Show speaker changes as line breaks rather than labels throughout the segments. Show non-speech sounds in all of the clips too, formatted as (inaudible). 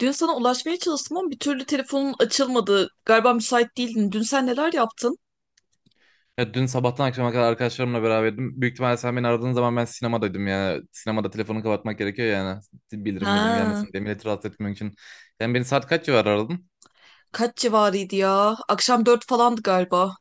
Dün sana ulaşmaya çalıştım ama bir türlü telefonun açılmadı. Galiba müsait değildin. Dün sen neler yaptın?
Ya dün sabahtan akşama kadar arkadaşlarımla beraberdim. Büyük ihtimalle sen beni aradığın zaman ben sinemadaydım yani. Sinemada telefonu kapatmak gerekiyor yani. Bildirim bildirim
Ha,
gelmesin diye milleti rahatsız etmemek için. Yani beni saat kaç civarı aradın?
kaç civarıydı ya? Akşam dört falandı galiba.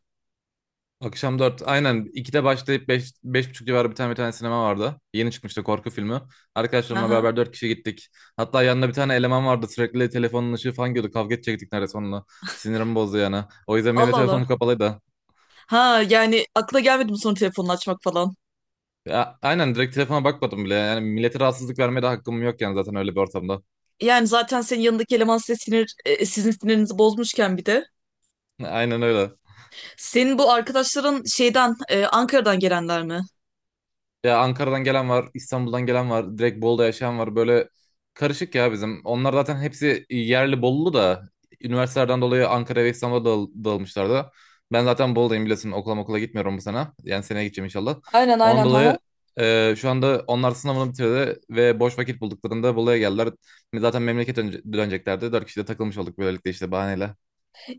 Akşam 4. Aynen 2'de başlayıp 5, beş buçuk civarı bir tane sinema vardı. Yeni çıkmıştı korku filmi. Arkadaşlarımla
Aha.
beraber 4 kişi gittik. Hatta yanında bir tane eleman vardı. Sürekli telefonun ışığı falan gidiyordu. Kavga edecektik neredeyse onunla. Sinirimi bozdu yani. O yüzden benim de
Allah Allah.
telefonum kapalıydı.
Ha yani akla gelmedi mi sonra telefonunu açmak falan?
Ya, aynen direkt telefona bakmadım bile. Yani millete rahatsızlık vermeye de hakkım yok yani zaten öyle bir ortamda.
Yani zaten senin yanındaki eleman size sinir, sizin sinirinizi bozmuşken bir de.
Aynen öyle.
Senin bu arkadaşların şeyden, Ankara'dan gelenler mi?
Ya Ankara'dan gelen var, İstanbul'dan gelen var, direkt Bolu'da yaşayan var. Böyle karışık ya bizim. Onlar zaten hepsi yerli Bolulu da üniversitelerden dolayı Ankara ve İstanbul'a dağılmışlardı. Ben zaten Bolu'dayım biliyorsun. Okula gitmiyorum bu sene. Yani seneye gideceğim inşallah.
Aynen
Onun
aynen
dolayı
ha.
şu anda onlar sınavını bitirdi ve boş vakit bulduklarında Bolu'ya geldiler. Zaten memleket döneceklerdi. Dört kişi de takılmış olduk böylelikle işte bahaneyle.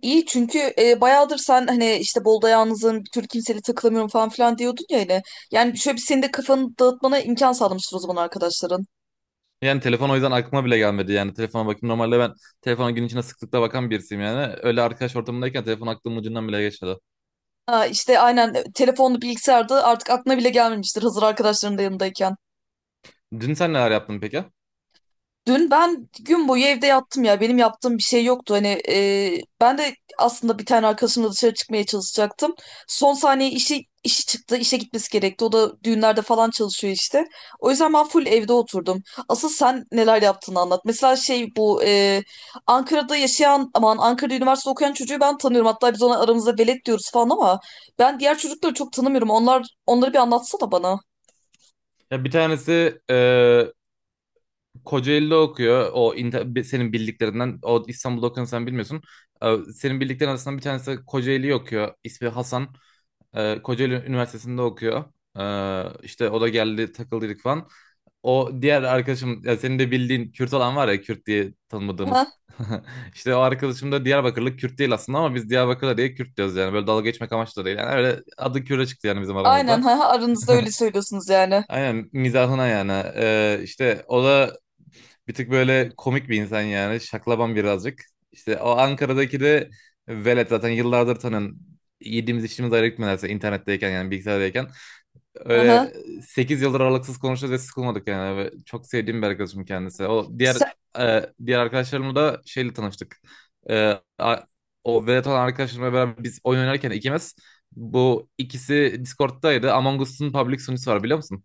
İyi çünkü bayağıdır sen hani işte Bolu'da yalnızım bir türlü kimseyle takılamıyorum falan filan diyordun ya hani. Yani şöyle bir senin de kafanı dağıtmana imkan sağlamıştır o zaman arkadaşların.
Yani telefon o yüzden aklıma bile gelmedi. Yani telefona bakayım. Normalde ben telefona gün içinde sıklıkla bakan birisiyim yani. Öyle arkadaş ortamındayken telefon aklımın ucundan bile geçmedi.
Ha, işte aynen telefonlu bilgisayarda artık aklına bile gelmemiştir hazır arkadaşların da yanındayken.
Dün sen neler yaptın peki?
Dün ben gün boyu evde yattım ya. Benim yaptığım bir şey yoktu. Hani ben de aslında bir tane arkadaşımla dışarı çıkmaya çalışacaktım. Son saniye işi çıktı. İşe gitmesi gerekti. O da düğünlerde falan çalışıyor işte. O yüzden ben full evde oturdum. Asıl sen neler yaptığını anlat. Mesela şey bu Ankara'da yaşayan aman Ankara'da üniversite okuyan çocuğu ben tanıyorum. Hatta biz ona aramızda velet diyoruz falan ama ben diğer çocukları çok tanımıyorum. Onları bir anlatsana bana.
Ya bir tanesi Kocaeli'de okuyor. Senin bildiklerinden. O İstanbul'da okuyanı sen bilmiyorsun. Senin bildiklerin arasından bir tanesi Kocaeli'yi okuyor. İsmi Hasan. Kocaeli Üniversitesi'nde okuyor. İşte o da geldi takıldıydık falan. O diğer arkadaşım ya senin de bildiğin Kürt olan var ya Kürt diye tanımadığımız.
Ha,
(laughs) İşte o arkadaşım da Diyarbakırlı Kürt değil aslında ama biz Diyarbakırlı diye Kürt diyoruz yani. Böyle dalga geçmek amaçlı da değil. Yani öyle adı Kürt'e çıktı yani bizim
aynen
aramızda.
ha, aranızda
(laughs)
öyle söylüyorsunuz yani.
Aynen mizahına yani. İşte o da bir tık böyle komik bir insan yani. Şaklaban birazcık. İşte o Ankara'daki de velet zaten yıllardır tanın. Yediğimiz içtiğimiz ayrı gitmelerse internetteyken yani bilgisayardayken.
Aha.
Öyle 8 yıldır aralıksız konuşuyoruz ve sıkılmadık yani. Ve çok sevdiğim bir arkadaşım kendisi. O diğer
Sen,
e, diğer arkadaşlarımla da şeyle tanıştık. E, a- O velet olan arkadaşlarımla beraber biz oyun oynarken ikimiz bu ikisi Discord'daydı. Among Us'un public sunucusu var biliyor musun?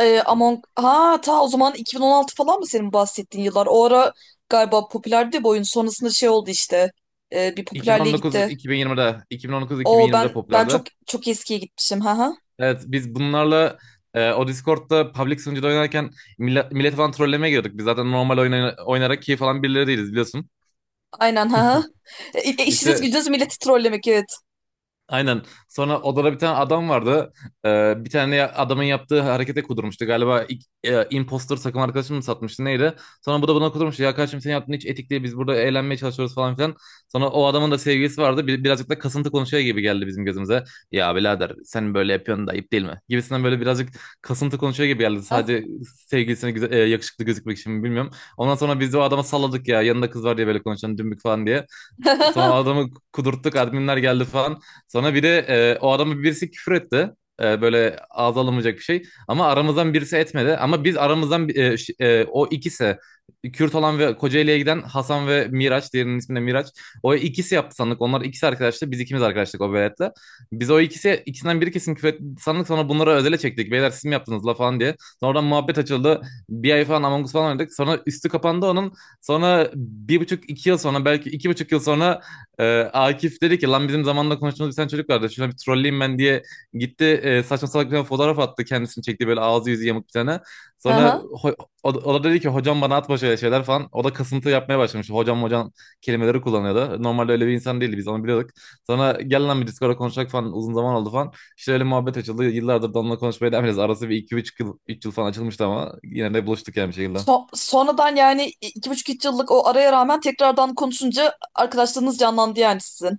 Among... Ha ta o zaman 2016 falan mı senin bahsettiğin yıllar? O ara galiba popülerdi bu oyun. Sonrasında şey oldu işte. Bir popülerliğe gitti.
2019-2020'de
O
2019-2020'de
ben
popülerdi.
çok çok eskiye gitmişim. Ha ha.
Evet biz bunlarla o Discord'da public sunucuda oynarken millet falan trollemeye giriyorduk. Biz zaten normal oynarak keyif alan birileri değiliz biliyorsun.
Aynen ha ha. İşiniz
İşte
gücünüz milleti trollemek, evet.
aynen. Sonra odada bir tane adam vardı. Bir tane adamın yaptığı harekete kudurmuştu. Galiba ilk, impostor takım arkadaşım mı satmıştı neydi? Sonra bu da buna kudurmuştu. Ya kardeşim senin yaptığın hiç etik değil. Biz burada eğlenmeye çalışıyoruz falan filan. Sonra o adamın da sevgilisi vardı. Birazcık da kasıntı konuşuyor gibi geldi bizim gözümüze. Ya birader sen böyle yapıyorsun da ayıp değil mi? Gibisinden böyle birazcık kasıntı konuşuyor gibi geldi.
Ha
Sadece sevgilisine güzel, yakışıklı gözükmek için mi bilmiyorum. Ondan sonra biz de o adama salladık ya. Yanında kız var diye böyle konuşan dümbük falan diye. Sonra
(laughs)
adamı kudurttuk adminler geldi falan. Sonra bir de o adamı birisi küfür etti. Böyle ağza alınmayacak bir şey. Ama aramızdan birisi etmedi. Ama biz aramızdan o ikisi Kürt olan ve Kocaeli'ye giden Hasan ve Miraç. Diğerinin ismi de Miraç. O ikisi yaptı sandık. Onlar ikisi arkadaştı. Biz ikimiz arkadaştık o veletle. Biz o ikisi ikisinden biri kesin küfür etti sandık. Sonra bunları özele çektik. Beyler siz mi yaptınız la falan diye. Sonra oradan muhabbet açıldı. Bir ay falan Among Us falan oynadık. Sonra üstü kapandı onun. Sonra bir buçuk iki yıl sonra belki 2,5 yıl sonra Akif dedi ki lan bizim zamanında konuştuğumuz bir tane çocuk vardı. Şuna bir trolleyim ben diye gitti saçma salak bir tane fotoğraf attı kendisini çekti böyle ağzı yüzü yamuk bir tane. Sonra
ha.
o da dedi ki hocam bana atma şöyle şeyler falan. O da kasıntı yapmaya başlamış. Hocam hocam kelimeleri kullanıyordu. Normalde öyle bir insan değildi biz onu biliyorduk. Sonra gel lan bir Discord'a konuşacak falan uzun zaman oldu falan. İşte öyle muhabbet açıldı. Yıllardır da onunla konuşmaya devam ediyoruz. Arası bir iki üç yıl falan açılmıştı ama yine de buluştuk yani bir şekilde.
Sonradan yani iki buçuk üç yıllık o araya rağmen tekrardan konuşunca arkadaşlarınız canlandı yani sizin.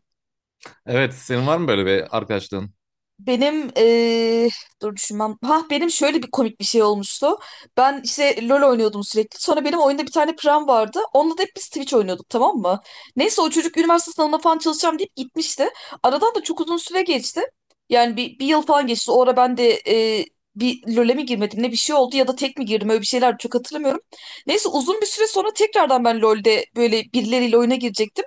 Evet, senin var mı böyle bir arkadaşlığın?
Benim Dur düşünmem. Ha benim şöyle bir komik bir şey olmuştu. Ben işte LoL oynuyordum sürekli. Sonra benim oyunda bir tane pram vardı. Onunla da hep biz Twitch oynuyorduk, tamam mı? Neyse o çocuk üniversite sınavına falan çalışacağım deyip gitmişti. Aradan da çok uzun süre geçti. Yani bir yıl falan geçti. O ara ben de bir LoL'e mi girmedim ne bir şey oldu, ya da tek mi girdim, öyle bir şeyler çok hatırlamıyorum. Neyse uzun bir süre sonra tekrardan ben LoL'de böyle birileriyle oyuna girecektim.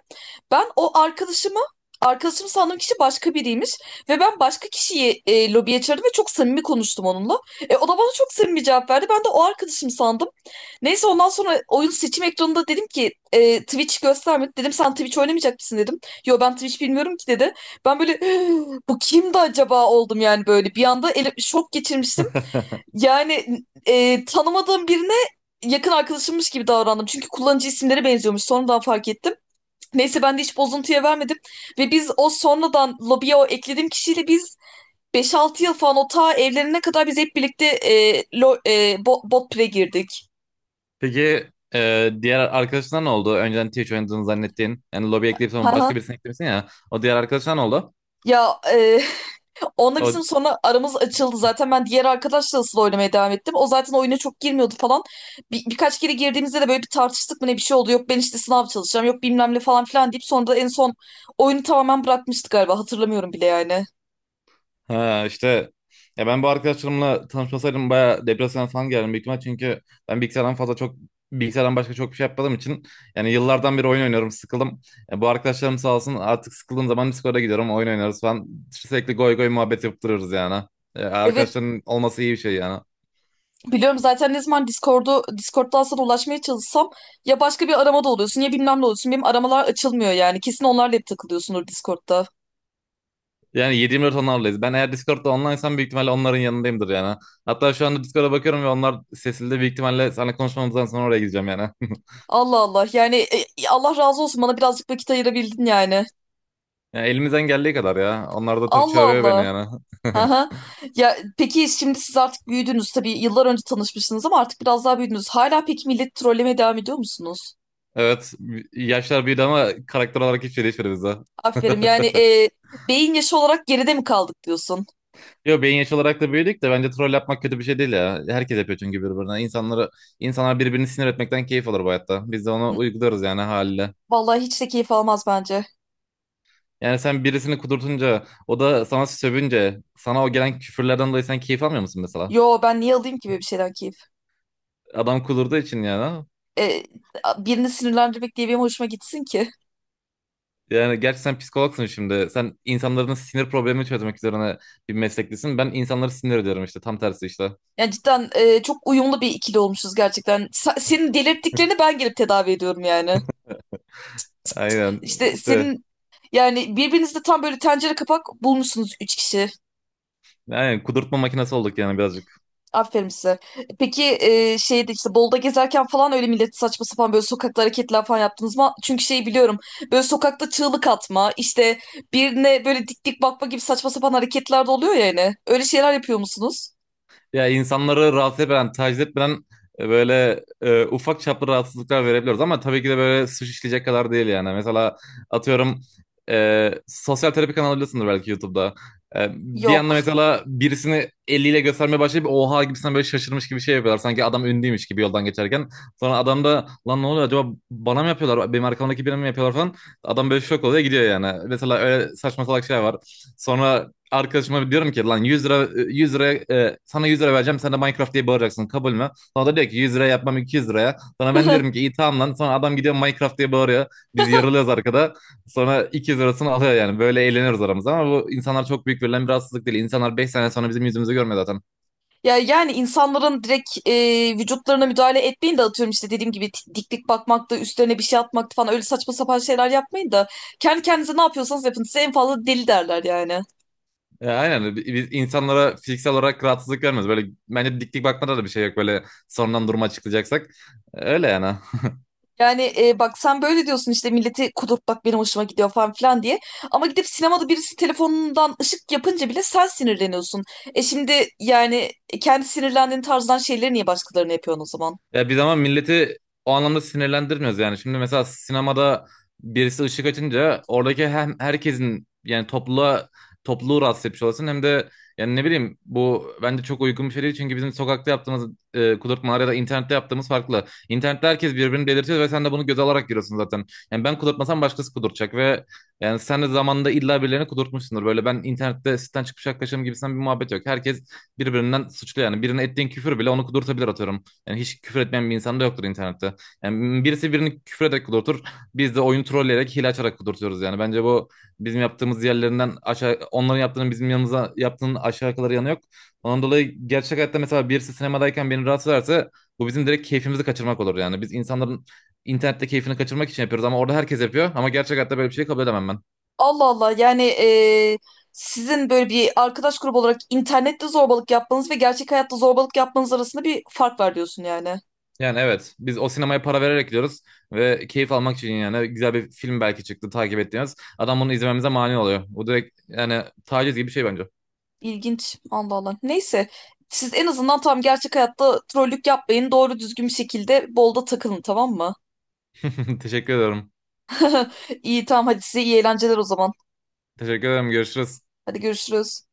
Ben o arkadaşımı Arkadaşım sandığım kişi başka biriymiş. Ve ben başka kişiyi lobiye çağırdım ve çok samimi konuştum onunla. O da bana çok samimi cevap verdi. Ben de o arkadaşım sandım. Neyse ondan sonra oyun seçim ekranında dedim ki Twitch göstermedi. Dedim sen Twitch oynamayacak mısın dedim. Yo ben Twitch bilmiyorum ki dedi. Ben böyle (gasps) "Hı, bu kimdi acaba" oldum yani böyle. Bir anda şok geçirmiştim.
(laughs)
Yani tanımadığım birine yakın arkadaşımmış gibi davrandım. Çünkü kullanıcı isimleri benziyormuş. Sonradan fark ettim. Neyse ben de hiç bozuntuya vermedim. Ve biz o sonradan lobiye o eklediğim kişiyle beş altı yıl falan o ta evlenene kadar biz hep birlikte bot pre girdik.
Peki diğer arkadaşına ne oldu? Önceden Twitch oynadığını zannettiğin. Yani lobi ekleyip sonra
Haha.
başka birisini eklemişsin ya. O diğer arkadaşına ne oldu?
Ya (laughs) onunla bizim
O
sonra aramız açıldı zaten. Ben diğer arkadaşla asıl oynamaya devam ettim. O zaten oyuna çok girmiyordu falan. Birkaç kere girdiğimizde de böyle bir tartıştık mı ne bir şey oldu. Yok ben işte sınav çalışacağım. Yok bilmem ne falan filan deyip sonra da en son oyunu tamamen bırakmıştık galiba. Hatırlamıyorum bile yani.
Ha işte ya ben bu arkadaşlarımla tanışmasaydım bayağı depresyona falan geldim büyük ihtimal çünkü ben bilgisayardan başka çok bir şey yapmadığım için yani yıllardan beri oyun oynuyorum sıkıldım. Bu arkadaşlarım sağ olsun artık sıkıldığım zaman Discord'a gidiyorum oyun oynarız falan sürekli goy goy muhabbet yapıp yani.
Evet.
Arkadaşların olması iyi bir şey yani.
Biliyorum zaten ne zaman Discord'dan sana ulaşmaya çalışsam ya başka bir aramada oluyorsun ya bilmem ne oluyorsun. Benim aramalar açılmıyor yani. Kesin onlarla hep takılıyorsundur Discord'da.
Yani 7-24 onlarlayız. Ben eğer Discord'da onlinesam büyük ihtimalle onların yanındayımdır yani. Hatta şu anda Discord'a bakıyorum ve onlar sesli de büyük ihtimalle seninle konuşmamızdan sonra oraya gideceğim yani. (laughs)
Allah Allah yani Allah razı olsun, bana birazcık vakit ayırabildin yani.
Yani elimizden geldiği kadar ya. Onlar da tabii
Allah
çağırıyor beni
Allah.
yani. (laughs)
Aha. Ya peki şimdi siz artık büyüdünüz tabii, yıllar önce tanışmışsınız ama artık biraz daha büyüdünüz. Hala peki millet trollemeye devam ediyor musunuz?
Evet. Yaşlar büyüdü ama karakter olarak hiçbir şey değişmedi bizde.
Aferin yani beyin yaşı olarak geride mi kaldık diyorsun?
Yo beyin yaş olarak da büyüdük de bence troll yapmak kötü bir şey değil ya. Herkes yapıyor çünkü birbirine. İnsanları, insanlar birbirini sinir etmekten keyif alır bu hayatta. Biz de onu
N-
uygularız yani haliyle.
Vallahi hiç de keyif almaz bence.
Yani sen birisini kudurtunca, o da sana sövünce, sana o gelen küfürlerden dolayı sen keyif almıyor musun mesela?
Yo ben niye alayım ki böyle bir şeyden keyif?
Adam kudurduğu için yani.
e, Birini sinirlendirmek diye benim hoşuma gitsin ki.
Yani gerçi sen psikologsun şimdi. Sen insanların sinir problemini çözmek üzerine bir mesleklisin. Ben insanları sinir ediyorum işte. Tam tersi işte.
Yani cidden çok uyumlu bir ikili olmuşuz gerçekten. Senin
(laughs)
delirttiklerini ben gelip tedavi ediyorum yani.
Aynen.
İşte
İşte
senin yani birbirinizde tam böyle tencere kapak bulmuşsunuz üç kişi.
aynen kudurtma makinesi olduk yani birazcık.
Aferin size. Peki şeyde işte Bolu'da gezerken falan öyle millet saçma sapan böyle sokakta hareketler falan yaptınız mı? Çünkü şeyi biliyorum. Böyle sokakta çığlık atma, işte birine böyle dik dik bakma gibi saçma sapan hareketler de oluyor ya yani. Öyle şeyler yapıyor musunuz?
Ya insanları rahatsız etmeden, taciz etmeden böyle ufak çaplı rahatsızlıklar verebiliyoruz ama tabii ki de böyle suç işleyecek kadar değil yani. Mesela atıyorum sosyal terapi kanalı biliyorsundur belki YouTube'da. Bir anda
Yok.
mesela birisini eliyle göstermeye başlayıp oha gibisinden böyle şaşırmış gibi şey yapıyorlar. Sanki adam ünlüymüş gibi yoldan geçerken. Sonra adam da lan ne oluyor acaba bana mı yapıyorlar? Benim arkamdaki birine mi yapıyorlar falan. Adam böyle şok oluyor gidiyor yani. Mesela öyle saçma salak şeyler var. Sonra arkadaşıma diyorum ki lan 100 lira sana 100 lira vereceğim sen de Minecraft diye bağıracaksın kabul mü? Sonra da diyor ki 100 lira yapmam 200 liraya. Sonra ben diyorum
(laughs)
ki iyi tamam lan. Sonra adam gidiyor Minecraft diye bağırıyor. Biz yarılıyoruz arkada. Sonra 200 lirasını alıyor yani. Böyle eğleniyoruz aramızda ama bu insanlar çok büyük verilen bir rahatsızlık değil. İnsanlar 5 sene sonra bizim yüzümüzü görmüyor zaten.
Ya yani insanların direkt vücutlarına müdahale etmeyin de atıyorum işte dediğim gibi diklik bakmak da üstlerine bir şey atmakta falan öyle saçma sapan şeyler yapmayın da kendi kendinize ne yapıyorsanız yapın. Size en fazla deli derler yani.
Ya aynen biz insanlara fiziksel olarak rahatsızlık vermiyoruz. Böyle bence dik dik bakmada da bir şey yok böyle sonradan durumu açıklayacaksak. Öyle yani.
Yani bak sen böyle diyorsun işte milleti kudurtmak benim hoşuma gidiyor falan filan diye. Ama gidip sinemada birisi telefonundan ışık yapınca bile sen sinirleniyorsun. E şimdi yani kendi sinirlendiğin tarzdan şeyleri niye başkalarına yapıyorsun o zaman?
Ya bir zaman milleti o anlamda sinirlendirmiyoruz yani. Şimdi mesela sinemada birisi ışık açınca oradaki hem herkesin yani topluluğu rahatsız etmiş olasın hem de yani ne bileyim bu bence çok uygun bir şey değil çünkü bizim sokakta yaptığımız kudurtmalar ya da internette yaptığımız farklı. İnternette herkes birbirini delirtiyor ve sen de bunu göze alarak giriyorsun zaten. Yani ben kudurtmasam başkası kudurtacak ve yani sen de zamanında illa birilerini kudurtmuşsundur. Böyle ben internette sitten çıkmış arkadaşım gibisinden bir muhabbet yok. Herkes birbirinden suçlu yani. Birine ettiğin küfür bile onu kudurtabilir atıyorum. Yani hiç küfür etmeyen bir insan da yoktur internette. Yani birisi birini küfür ederek kudurtur. Biz de oyunu trolleyerek, hile açarak kudurtuyoruz yani. Bence bu bizim yaptığımız yerlerinden aşağı, onların yaptığının bizim yanımıza yaptığının aşağı kalır yanı yok. Ondan dolayı gerçek hayatta mesela birisi sinemadayken beni rahatsız ederse bu bizim direkt keyfimizi kaçırmak olur yani. Biz insanların internette keyfini kaçırmak için yapıyoruz ama orada herkes yapıyor. Ama gerçek hayatta böyle bir şey kabul edemem ben.
Allah Allah yani sizin böyle bir arkadaş grubu olarak internette zorbalık yapmanız ve gerçek hayatta zorbalık yapmanız arasında bir fark var diyorsun yani.
Yani evet biz o sinemaya para vererek gidiyoruz ve keyif almak için yani güzel bir film belki çıktı takip ettiğimiz. Adam bunu izlememize mani oluyor. Bu direkt yani taciz gibi bir şey bence.
İlginç. Allah Allah. Neyse. Siz en azından tam gerçek hayatta trollük yapmayın. Doğru düzgün bir şekilde bolda takılın, tamam mı?
(laughs) Teşekkür ederim.
(laughs) İyi tamam, hadi size iyi eğlenceler o zaman.
Teşekkür ederim. Görüşürüz.
Hadi görüşürüz.